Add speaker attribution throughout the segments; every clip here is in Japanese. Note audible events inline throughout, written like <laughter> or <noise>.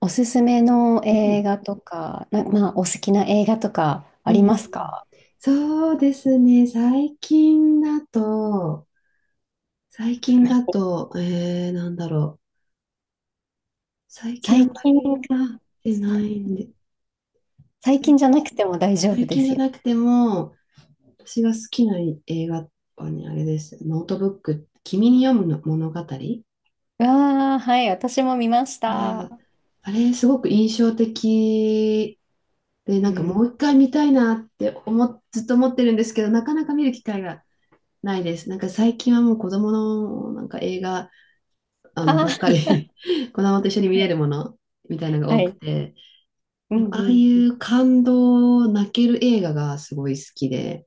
Speaker 1: おすすめの
Speaker 2: う
Speaker 1: 映
Speaker 2: ん、
Speaker 1: 画とか、まあ、お好きな映画とか
Speaker 2: う
Speaker 1: あ
Speaker 2: ん、
Speaker 1: り
Speaker 2: うん
Speaker 1: ますか？
Speaker 2: そうですね。最近だと、なんだろう。最近あん
Speaker 1: 最
Speaker 2: ま
Speaker 1: 近
Speaker 2: り見
Speaker 1: か。
Speaker 2: てな
Speaker 1: さ
Speaker 2: いんで、
Speaker 1: 最近
Speaker 2: 最、
Speaker 1: じゃなくても大丈夫
Speaker 2: 最
Speaker 1: で
Speaker 2: 近じ
Speaker 1: す
Speaker 2: ゃ
Speaker 1: よ。
Speaker 2: なくても、私が好きな映画はね、あれです。ノートブック、君に読むの物語が、
Speaker 1: わあ、はい、私も見ました。
Speaker 2: あれ、すごく印象的で、な
Speaker 1: う
Speaker 2: んかも
Speaker 1: ん。
Speaker 2: う一回見たいなって思、ずっと思ってるんですけど、なかなか見る機会がないです。なんか最近はもう子供のなんか映画、あ
Speaker 1: あ
Speaker 2: の、
Speaker 1: あ、
Speaker 2: ばっかり <laughs> 子供と一緒に見れるも
Speaker 1: <laughs>
Speaker 2: のみたいなのが
Speaker 1: は
Speaker 2: 多く
Speaker 1: い。
Speaker 2: て、
Speaker 1: う
Speaker 2: で
Speaker 1: ん
Speaker 2: もああい
Speaker 1: うん。
Speaker 2: う感動、泣ける映画がすごい好きで、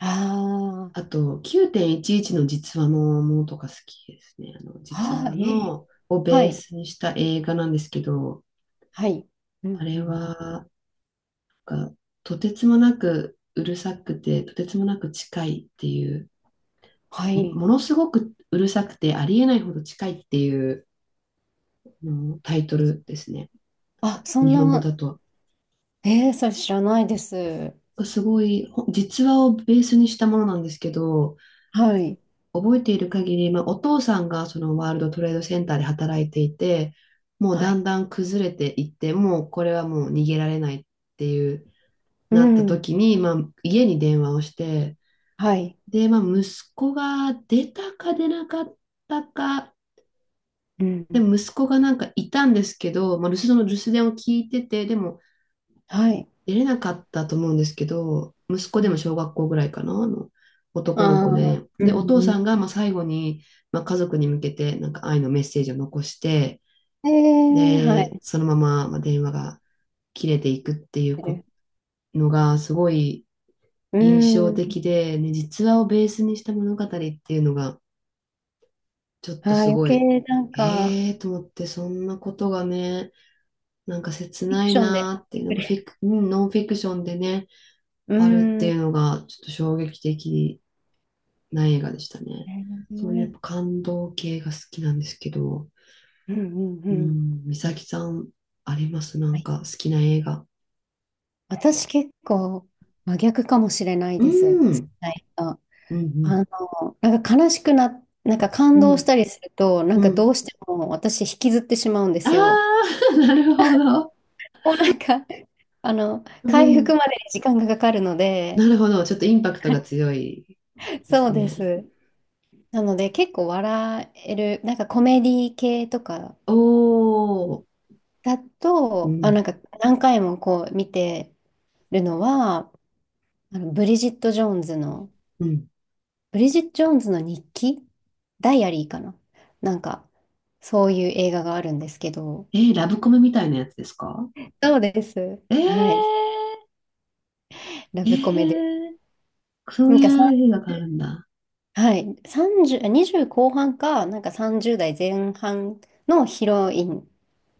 Speaker 1: あ
Speaker 2: あと、9.11の実話のものとか好きですね。あの、実
Speaker 1: あ、ああ、
Speaker 2: 話
Speaker 1: ええ
Speaker 2: のを
Speaker 1: は
Speaker 2: ベー
Speaker 1: い、
Speaker 2: スにした映画なんですけど、
Speaker 1: はい。う
Speaker 2: あ
Speaker 1: んう
Speaker 2: れ
Speaker 1: んうん。
Speaker 2: は、なんかとてつもなくうるさくて、とてつもなく近いっていう、
Speaker 1: はい。
Speaker 2: ものすごくうるさくて、ありえないほど近いっていうあのタイトルですね。なん
Speaker 1: あ、
Speaker 2: か
Speaker 1: そん
Speaker 2: 日本語
Speaker 1: な、
Speaker 2: だと。
Speaker 1: ええそれ知らないです。
Speaker 2: すごい、実話をベースにしたものなんですけど、
Speaker 1: はい、
Speaker 2: 覚えている限り、まあ、お父さんがそのワールドトレードセンターで働いていて、もう
Speaker 1: は
Speaker 2: だ
Speaker 1: い。
Speaker 2: んだん崩れていって、もうこれはもう逃げられないっていう
Speaker 1: う
Speaker 2: なった
Speaker 1: ん、
Speaker 2: 時に、まあ、家に電話をして、
Speaker 1: はい。
Speaker 2: で、まあ、息子が出たか出なかったか、
Speaker 1: う
Speaker 2: で
Speaker 1: ん、
Speaker 2: も息子がなんかいたんですけど、まあ、留守電を聞いてて、でも
Speaker 1: はい。
Speaker 2: 出れなかったと思うんですけど、息子
Speaker 1: う
Speaker 2: でも
Speaker 1: ん、
Speaker 2: 小学校ぐらいかな、あの
Speaker 1: あ
Speaker 2: 男の子
Speaker 1: あ、
Speaker 2: で、
Speaker 1: う
Speaker 2: で、お父
Speaker 1: んう
Speaker 2: さん
Speaker 1: ん
Speaker 2: がまあ最後に、まあ、家族に向けてなんか愛のメッセージを残して、
Speaker 1: ええは
Speaker 2: で、
Speaker 1: い。
Speaker 2: そのまま、まあ、電話が切れていくっていうこのがすごい
Speaker 1: う
Speaker 2: 印象
Speaker 1: ーん。
Speaker 2: 的で、ね、実話をベースにした物語っていうのがちょっ
Speaker 1: あ
Speaker 2: と
Speaker 1: あ、
Speaker 2: す
Speaker 1: 余
Speaker 2: ごい、
Speaker 1: 計なんか、
Speaker 2: えーと思って、そんなことがね、なんか切
Speaker 1: フィ
Speaker 2: な
Speaker 1: ク
Speaker 2: い
Speaker 1: ションで
Speaker 2: な
Speaker 1: 買
Speaker 2: ーってい
Speaker 1: っ
Speaker 2: う
Speaker 1: てく
Speaker 2: のがフ
Speaker 1: れ。
Speaker 2: ィク、うんノンフィクションでね、
Speaker 1: <laughs> う
Speaker 2: あるって
Speaker 1: ー
Speaker 2: い
Speaker 1: ん。
Speaker 2: うのが、ちょっと衝撃的な映画でしたね。
Speaker 1: え
Speaker 2: そういうやっ
Speaker 1: ー
Speaker 2: ぱ感動系が好きなんですけど、
Speaker 1: うんうんう
Speaker 2: う
Speaker 1: ん。
Speaker 2: ん、美咲さん、ありますな
Speaker 1: は
Speaker 2: ん
Speaker 1: い。
Speaker 2: か好きな映画。
Speaker 1: 私結構真逆かもしれない
Speaker 2: う
Speaker 1: です。好
Speaker 2: ん。う
Speaker 1: き
Speaker 2: ん。
Speaker 1: な人。あの、なんか悲しくなんか感
Speaker 2: う
Speaker 1: 動し
Speaker 2: ん。
Speaker 1: たりすると、なん
Speaker 2: う
Speaker 1: かど
Speaker 2: ん
Speaker 1: うしても私引きずってしまうんで
Speaker 2: あ
Speaker 1: すよ。
Speaker 2: あ、<laughs> なるほど。
Speaker 1: もうなんか、<laughs> あの、
Speaker 2: う
Speaker 1: 回復
Speaker 2: ん。
Speaker 1: までに時間がかかるの
Speaker 2: な
Speaker 1: で、
Speaker 2: るほど。ちょっとインパクトが強いで
Speaker 1: そ
Speaker 2: す
Speaker 1: うで
Speaker 2: ね。
Speaker 1: す。なので結構笑える、なんかコメディ系とか
Speaker 2: おー。
Speaker 1: だ
Speaker 2: う
Speaker 1: と、あ、な
Speaker 2: ん。
Speaker 1: んか何回もこう見てるのは、あのブリジット・ジョーンズの、
Speaker 2: うん。
Speaker 1: ブリジット・ジョーンズの日記ダイアリーかななんか、そういう映画があるんですけど、
Speaker 2: えー、ラブコメみたいなやつですか？
Speaker 1: そうです。
Speaker 2: え
Speaker 1: はい。
Speaker 2: ー、
Speaker 1: ラ
Speaker 2: え
Speaker 1: ブコメで。
Speaker 2: ー、そ
Speaker 1: な
Speaker 2: う
Speaker 1: ん
Speaker 2: い
Speaker 1: かさん、
Speaker 2: う映画があるんだ。
Speaker 1: はい。30、20後半か、なんか30代前半のヒロイン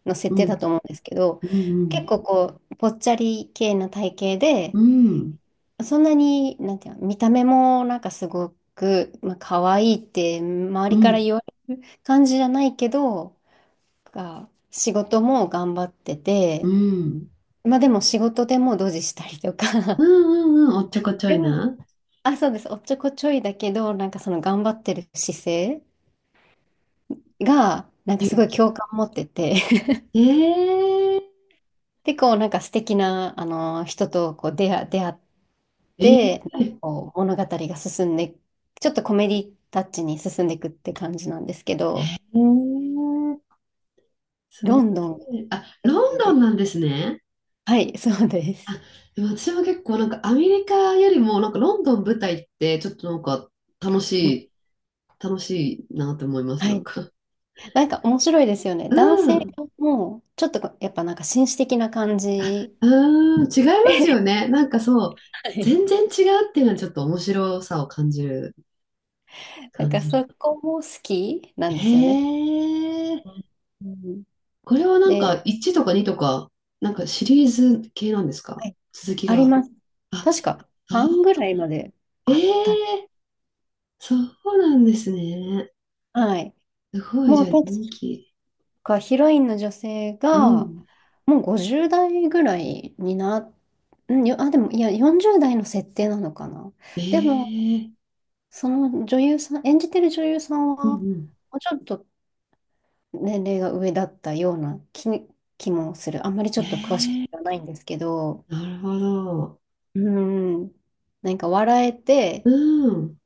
Speaker 1: の
Speaker 2: う
Speaker 1: 設定だ
Speaker 2: ん。
Speaker 1: と思うんですけど、
Speaker 2: う
Speaker 1: 結
Speaker 2: ん
Speaker 1: 構こう、ぽっちゃり系な体型
Speaker 2: う
Speaker 1: で、
Speaker 2: ん。うん。
Speaker 1: そんなに、なんていうの、見た目もなんかすごく、まあ、可愛いって周
Speaker 2: う
Speaker 1: りから
Speaker 2: ん。
Speaker 1: 言われる感じじゃないけど、が仕事も頑張って
Speaker 2: う
Speaker 1: て、
Speaker 2: ん
Speaker 1: まあでも仕事でもドジしたりと
Speaker 2: う
Speaker 1: か、
Speaker 2: んうん。おっちょこち
Speaker 1: <laughs>
Speaker 2: ょ
Speaker 1: で
Speaker 2: い
Speaker 1: も、
Speaker 2: な。
Speaker 1: あ、そうです、おっちょこちょいだけど、なんかその頑張ってる姿勢が、なんかすご
Speaker 2: 勇
Speaker 1: い
Speaker 2: 気。
Speaker 1: 共感持ってて、<laughs>
Speaker 2: ええ
Speaker 1: で、こうなんか素敵な、あの、人とこう出会っ
Speaker 2: え
Speaker 1: て、なん
Speaker 2: え
Speaker 1: か
Speaker 2: ええ
Speaker 1: こう物語が進んで、ちょっとコメディタッチに進んでいくって感じなんですけど、
Speaker 2: すごい。
Speaker 1: ロンドンが
Speaker 2: あ、
Speaker 1: 舞
Speaker 2: ロン
Speaker 1: 台
Speaker 2: ド
Speaker 1: で。
Speaker 2: ンなんですね。
Speaker 1: はい、そうで
Speaker 2: あ、
Speaker 1: す。
Speaker 2: でも私も結構なんかアメリカよりもなんかロンドン舞台ってちょっとなんか楽しい、楽しいなと思います、
Speaker 1: は
Speaker 2: なん
Speaker 1: い。
Speaker 2: か。
Speaker 1: なんか面白いですよね。
Speaker 2: う
Speaker 1: 男性
Speaker 2: ん。
Speaker 1: も、ちょっとこうやっぱなんか紳士的な感じ
Speaker 2: うん、違います
Speaker 1: で、
Speaker 2: よね。なんかそう、
Speaker 1: <laughs> はい。
Speaker 2: 全然違うっていうのはちょっと面白さを
Speaker 1: なん
Speaker 2: 感
Speaker 1: か
Speaker 2: じる。
Speaker 1: そこも好きな
Speaker 2: へ
Speaker 1: んですよね。
Speaker 2: え、
Speaker 1: うん
Speaker 2: これはなん
Speaker 1: で、
Speaker 2: か1とか2とか、なんかシリーズ系なんです
Speaker 1: は
Speaker 2: か
Speaker 1: い、
Speaker 2: 続き
Speaker 1: あり
Speaker 2: が。
Speaker 1: ます。
Speaker 2: あ、
Speaker 1: 確か
Speaker 2: あ、
Speaker 1: 半ぐらいまで
Speaker 2: え
Speaker 1: あった。
Speaker 2: えー、そうなんですね。
Speaker 1: はい。
Speaker 2: すごい、
Speaker 1: も
Speaker 2: じ
Speaker 1: う
Speaker 2: ゃあ
Speaker 1: 確
Speaker 2: 人気。
Speaker 1: かヒロインの女性
Speaker 2: う
Speaker 1: が、
Speaker 2: ん。
Speaker 1: もう50代ぐらいにな、うん、よ、あ、でも、いや、40代の設定なのかな。でも、
Speaker 2: ええ、
Speaker 1: その女優さん、演じてる女優さん
Speaker 2: うん
Speaker 1: は、も
Speaker 2: う
Speaker 1: うちょっと年齢が上だったような気もする。あんまりちょっと詳しく
Speaker 2: ん。ええ、
Speaker 1: はないんですけど、
Speaker 2: なるほど。
Speaker 1: うん、なんか笑えて、
Speaker 2: うん。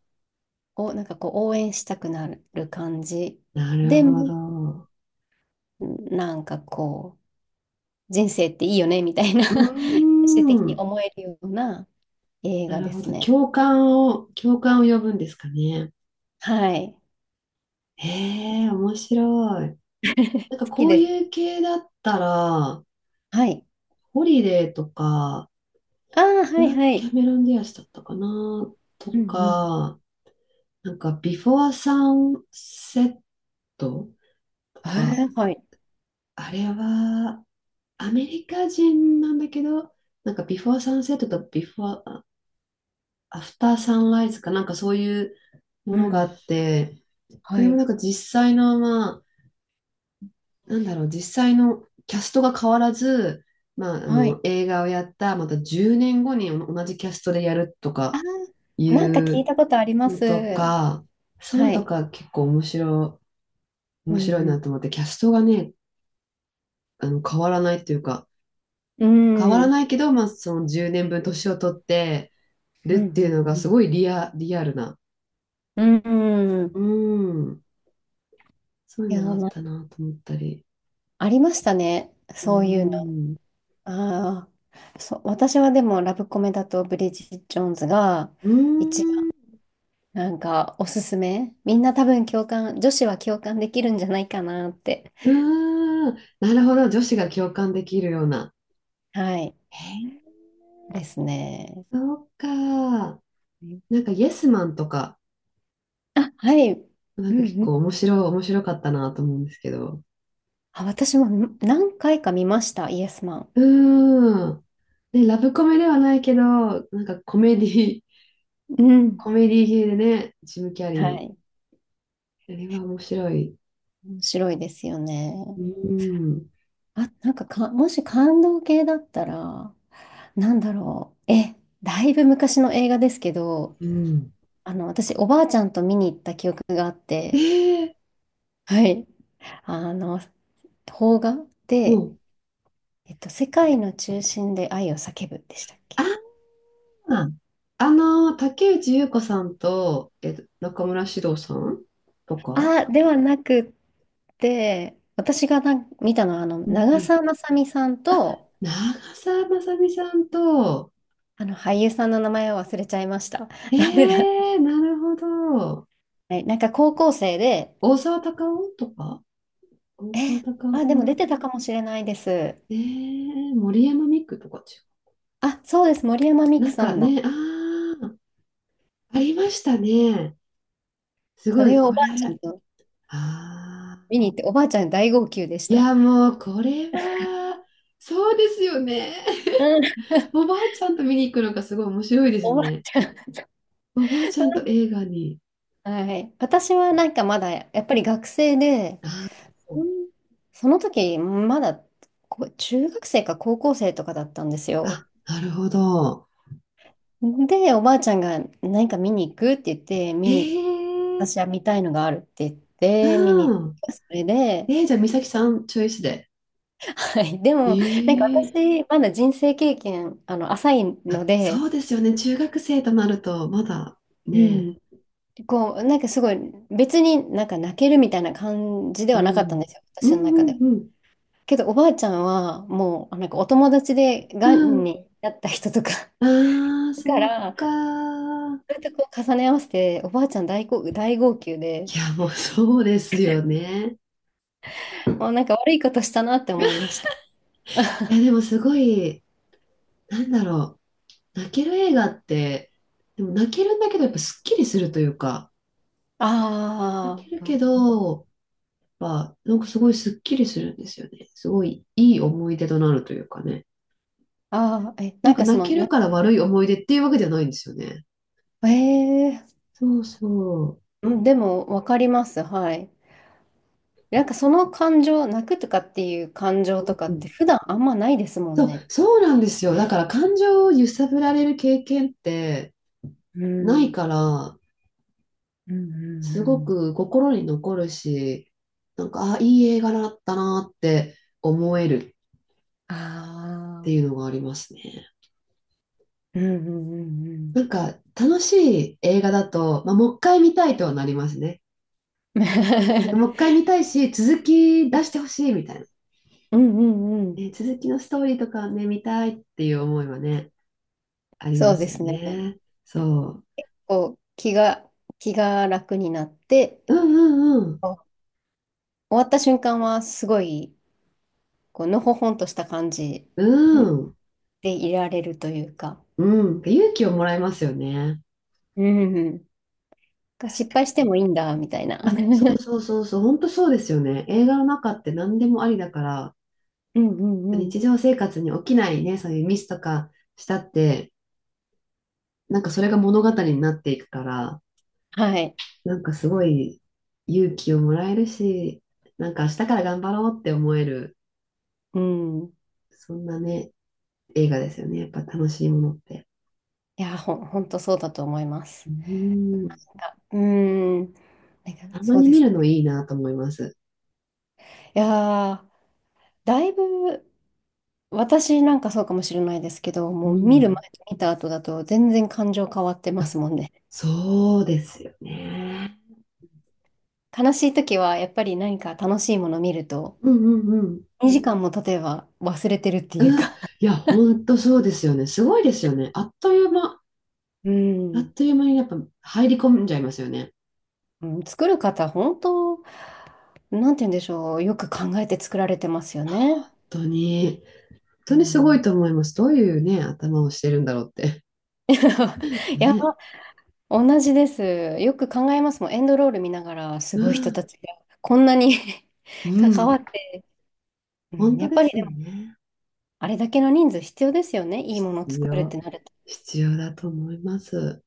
Speaker 1: お、なんかこう応援したくなる感じ。
Speaker 2: なる
Speaker 1: で
Speaker 2: ほ
Speaker 1: も、
Speaker 2: ど。
Speaker 1: なんかこう、人生っていいよね、みたいな
Speaker 2: うー
Speaker 1: <laughs> 最終的に
Speaker 2: ん。
Speaker 1: 思えるような映
Speaker 2: な
Speaker 1: 画
Speaker 2: る
Speaker 1: で
Speaker 2: ほ
Speaker 1: す
Speaker 2: ど。
Speaker 1: ね。
Speaker 2: 共感を呼ぶんですかね。
Speaker 1: はい。
Speaker 2: ええ面白い。なんか
Speaker 1: 好き
Speaker 2: こう
Speaker 1: で
Speaker 2: いう
Speaker 1: す。
Speaker 2: 系だったら、
Speaker 1: はい。
Speaker 2: ホリデーとか、
Speaker 1: ああ、
Speaker 2: い
Speaker 1: はい
Speaker 2: や、
Speaker 1: は
Speaker 2: キ
Speaker 1: い。
Speaker 2: ャメロン・ディアスだったかなと
Speaker 1: うんうん。
Speaker 2: か、なんか、ビフォー・サンセットと
Speaker 1: え
Speaker 2: か、
Speaker 1: ーはい。
Speaker 2: あれは、アメリカ人なんだけど、なんか、ビフォー・サンセットとビフォー・アフター・サンライズかなんかそういうも
Speaker 1: う
Speaker 2: のがあ
Speaker 1: ん。
Speaker 2: って、そ
Speaker 1: は
Speaker 2: れも
Speaker 1: い。
Speaker 2: なんか実際の、まあ、なんだろう、実際のキャストが変わらず、まあ、あ
Speaker 1: は
Speaker 2: の
Speaker 1: い。
Speaker 2: 映画をやった、また10年後に同じキャストでやると
Speaker 1: あ、
Speaker 2: か、い
Speaker 1: なんか聞い
Speaker 2: う
Speaker 1: たことありま
Speaker 2: の
Speaker 1: す。
Speaker 2: とか、そういう
Speaker 1: は
Speaker 2: のと
Speaker 1: い。
Speaker 2: か結構
Speaker 1: う
Speaker 2: 面白い
Speaker 1: ん
Speaker 2: なと思って、キャストがね、あの変わらないというか、
Speaker 1: う
Speaker 2: 変わ
Speaker 1: ん。う
Speaker 2: ら
Speaker 1: ん。
Speaker 2: ないけど、まあその10年分年を取ってる
Speaker 1: う
Speaker 2: っていう
Speaker 1: ん
Speaker 2: のが
Speaker 1: う
Speaker 2: す
Speaker 1: ん
Speaker 2: ごいリアルな。
Speaker 1: うん。う
Speaker 2: う
Speaker 1: ん。
Speaker 2: ん。そういう
Speaker 1: いや、
Speaker 2: のがあっ
Speaker 1: まあ、
Speaker 2: たなと思ったり。
Speaker 1: ありましたね。
Speaker 2: う
Speaker 1: そういうの。
Speaker 2: ん。
Speaker 1: ああ。そう、私はでもラブコメだとブリジット・ジョーンズが
Speaker 2: う
Speaker 1: 一
Speaker 2: ん。
Speaker 1: 番
Speaker 2: う
Speaker 1: なんかおすすめ。みんな多分共感、女子は共感できるんじゃないかなって。
Speaker 2: ん。なるほど。女子が共感できるような。
Speaker 1: はい。
Speaker 2: へえ
Speaker 1: ですね。
Speaker 2: ー、そうか。なんか、イエスマンとか、
Speaker 1: あ、はい。う
Speaker 2: なんか結
Speaker 1: んう
Speaker 2: 構
Speaker 1: ん。
Speaker 2: 面白かったなと思うんですけど。
Speaker 1: あ、私も何回か見ました、イエスマン。
Speaker 2: うーん。ね、ラブコメではないけど、なんかコメディ、
Speaker 1: う
Speaker 2: <laughs> コ
Speaker 1: ん。
Speaker 2: メディ系でね、ジム・キャ
Speaker 1: は
Speaker 2: リ
Speaker 1: い。
Speaker 2: ー。あれは面白い。
Speaker 1: 面白いですよね。
Speaker 2: うん。
Speaker 1: あ、なんか、もし感動系だったら、なんだろう。だいぶ昔の映画ですけど、
Speaker 2: うん。
Speaker 1: あの、私、おばあちゃんと見に行った記憶があっ
Speaker 2: え
Speaker 1: て、
Speaker 2: え、
Speaker 1: はい。あの、邦画
Speaker 2: も
Speaker 1: で、
Speaker 2: う、
Speaker 1: えっと、世界の中心で愛を叫ぶでしたっけ？
Speaker 2: ああ、あの、竹内優子さんと、えっと、中村獅童さんとか、
Speaker 1: あ、ではなくって、私が見たのは、あの、
Speaker 2: うんう
Speaker 1: 長
Speaker 2: ん。
Speaker 1: 澤まさみさんと、
Speaker 2: 長澤まさみさんと、
Speaker 1: あの、俳優さんの名前を忘れちゃいました。
Speaker 2: え
Speaker 1: <laughs> ダメだ。
Speaker 2: え、なるほど。
Speaker 1: はい、なんか高校生で、
Speaker 2: 大沢たかおとか、大沢
Speaker 1: え、
Speaker 2: たかお
Speaker 1: あ、
Speaker 2: さ
Speaker 1: でも
Speaker 2: ん、
Speaker 1: 出てたかもしれないです。
Speaker 2: ええ、森山未来とか違う。
Speaker 1: あ、そうです。森山未
Speaker 2: な
Speaker 1: 來
Speaker 2: ん
Speaker 1: さ
Speaker 2: か
Speaker 1: んだ。
Speaker 2: ね、ああ、ありましたね。す
Speaker 1: そ
Speaker 2: ごい、
Speaker 1: れを
Speaker 2: こ
Speaker 1: お
Speaker 2: れ。
Speaker 1: ばあちゃ
Speaker 2: あ
Speaker 1: んと
Speaker 2: あ。
Speaker 1: 見に行って、おばあちゃん大号泣でし
Speaker 2: い
Speaker 1: た。
Speaker 2: や、もう、これは、そうですよね。
Speaker 1: うん。<laughs>
Speaker 2: <laughs> おばあちゃんと見に行くのがすごい面白いです
Speaker 1: おばあ
Speaker 2: ね。
Speaker 1: ちゃん。
Speaker 2: おばあちゃんと映画に。
Speaker 1: はい。私はなんかまだ、やっぱり学生で、
Speaker 2: あー、
Speaker 1: うんその時、まだ中学生か高校生とかだったんですよ。
Speaker 2: あ、なるほど。
Speaker 1: で、おばあちゃんが何か見に行くって言って、
Speaker 2: へ
Speaker 1: 見に、
Speaker 2: え、
Speaker 1: 私は見たいのがあるって言って、見に行
Speaker 2: う
Speaker 1: っ
Speaker 2: ん。
Speaker 1: た。それで、
Speaker 2: えー、じゃあ、美咲さん、チョイスで。
Speaker 1: はい、<laughs> で
Speaker 2: え
Speaker 1: も、なんか
Speaker 2: え、
Speaker 1: 私、まだ人生経験、あの、浅い
Speaker 2: あ、
Speaker 1: ので、
Speaker 2: そうですよね。中学生となると、まだ
Speaker 1: う
Speaker 2: ね。
Speaker 1: ん。こう、なんかすごい、別になんか泣けるみたいな感じで
Speaker 2: う
Speaker 1: はなかったんで
Speaker 2: ん。
Speaker 1: すよ、
Speaker 2: う
Speaker 1: 私
Speaker 2: ん
Speaker 1: の
Speaker 2: う
Speaker 1: 中
Speaker 2: ん
Speaker 1: で。
Speaker 2: うん。
Speaker 1: けど、おばあちゃんは、もう、なんかお友達で、
Speaker 2: う
Speaker 1: がん
Speaker 2: ん、
Speaker 1: になった人とか <laughs>、
Speaker 2: ああ、
Speaker 1: だか
Speaker 2: そう
Speaker 1: ら、そ
Speaker 2: か。い
Speaker 1: うやってこう重ね合わせて、おばあちゃん大号泣で、
Speaker 2: や、もう <laughs> そうですよね。
Speaker 1: もうなんか悪いことしたなって思いました。
Speaker 2: いや、でもすごい、なんだろう。泣ける映画って、でも泣けるんだけど、やっぱすっきりするというか、泣
Speaker 1: あ
Speaker 2: けるけ
Speaker 1: あ、
Speaker 2: ど、やっぱなんかすごいすっきりするんですよね。すごいいい思い出となるというかね。
Speaker 1: ああ、え、
Speaker 2: な
Speaker 1: な
Speaker 2: ん
Speaker 1: ん
Speaker 2: か
Speaker 1: かそ
Speaker 2: 泣
Speaker 1: の、
Speaker 2: ける
Speaker 1: な、
Speaker 2: から悪い思い出っていうわけじゃないんですよね。
Speaker 1: ええ
Speaker 2: そうそ
Speaker 1: うん、でも、わかります、はい。なんかその感情、泣くとかっていう感情
Speaker 2: う。
Speaker 1: とか
Speaker 2: う
Speaker 1: っ
Speaker 2: んう
Speaker 1: て
Speaker 2: ん、
Speaker 1: 普段あんまないですもんね。
Speaker 2: そうなんですよ。だから感情を揺さぶられる経験って
Speaker 1: う
Speaker 2: ない
Speaker 1: ん、
Speaker 2: から、
Speaker 1: うん、うん、
Speaker 2: すご
Speaker 1: うん。
Speaker 2: く心に残るし、なんか、あ、いい映画だったなって思えるっ
Speaker 1: あ
Speaker 2: て
Speaker 1: あ、
Speaker 2: いうのがありますね。
Speaker 1: うんうんうんうん。
Speaker 2: なんか、楽しい映画だと、まあ、もう一回見たいとはなりますね。なんか、もう一回
Speaker 1: <laughs>
Speaker 2: 見たいし、続き出してほしいみたいな。
Speaker 1: うんうんうん。
Speaker 2: ね、続きのストーリーとかね、見たいっていう思いはね、あり
Speaker 1: そ
Speaker 2: ま
Speaker 1: うで
Speaker 2: すよ
Speaker 1: すね。
Speaker 2: ね。そ
Speaker 1: こう、気が楽になって、
Speaker 2: う。うんうん
Speaker 1: こう終わった瞬間はすごい、こう、のほほんとした感じ
Speaker 2: うん。うん。
Speaker 1: でいられるというか、
Speaker 2: うん。勇気をもらえますよね。
Speaker 1: うんうん。が
Speaker 2: 確
Speaker 1: 失
Speaker 2: か
Speaker 1: 敗して
Speaker 2: に。
Speaker 1: もいいんだ、みたいな。<laughs> う
Speaker 2: あ、本当そうですよね。映画の中って何でもありだから、
Speaker 1: んうんうん。
Speaker 2: 日常生活に起きないね、そういうミスとかしたって、なんかそれが物語になっていくから、
Speaker 1: はい。
Speaker 2: なんかすごい勇気をもらえるし、なんか明日から頑張ろうって思える、
Speaker 1: うん。
Speaker 2: そんなね、映画ですよね。やっぱ楽しいものって。
Speaker 1: いや、ほんとそうだと思います。
Speaker 2: う
Speaker 1: な
Speaker 2: ん、
Speaker 1: んか、ん、なんか
Speaker 2: たま
Speaker 1: そう
Speaker 2: に
Speaker 1: で
Speaker 2: 見
Speaker 1: す
Speaker 2: るの
Speaker 1: ね。
Speaker 2: いいなと思います。
Speaker 1: いやー、だいぶ、私なんかそうかもしれないですけど、
Speaker 2: う
Speaker 1: もう見る前
Speaker 2: ん、
Speaker 1: と見た後だと全然感情変わってますもんね。
Speaker 2: そうですよね。
Speaker 1: 悲しい時はやっぱり何か楽しいもの見ると、
Speaker 2: うんうんうん。
Speaker 1: 2時間も例えば忘れてるっていう
Speaker 2: うん、
Speaker 1: か、
Speaker 2: いや、ほんとそうですよね。すごいですよね。
Speaker 1: う
Speaker 2: あっ
Speaker 1: ん、
Speaker 2: という間にやっぱ入り込んじゃいますよね。
Speaker 1: うん、作る方、本当、なんて言うんでしょう、よく考えて作られてますよね。
Speaker 2: 本当に、本
Speaker 1: う
Speaker 2: 当にすご
Speaker 1: ん、
Speaker 2: いと思います。どういうね、頭をしてるんだろうって。
Speaker 1: <laughs>
Speaker 2: <laughs>
Speaker 1: いや
Speaker 2: ね。
Speaker 1: 同じです。よく考えますもん。エンドロール見ながら、す
Speaker 2: う
Speaker 1: ごい人た
Speaker 2: ん、
Speaker 1: ちがこんなに
Speaker 2: う
Speaker 1: <laughs> 関
Speaker 2: ん、
Speaker 1: わって、う
Speaker 2: 本
Speaker 1: ん、
Speaker 2: 当
Speaker 1: やっ
Speaker 2: で
Speaker 1: ぱり
Speaker 2: す
Speaker 1: で
Speaker 2: よ
Speaker 1: も
Speaker 2: ね。
Speaker 1: あれだけの人数必要ですよね。いいものを
Speaker 2: 必
Speaker 1: 作るっ
Speaker 2: 要、
Speaker 1: てなると。
Speaker 2: 必要だと思います。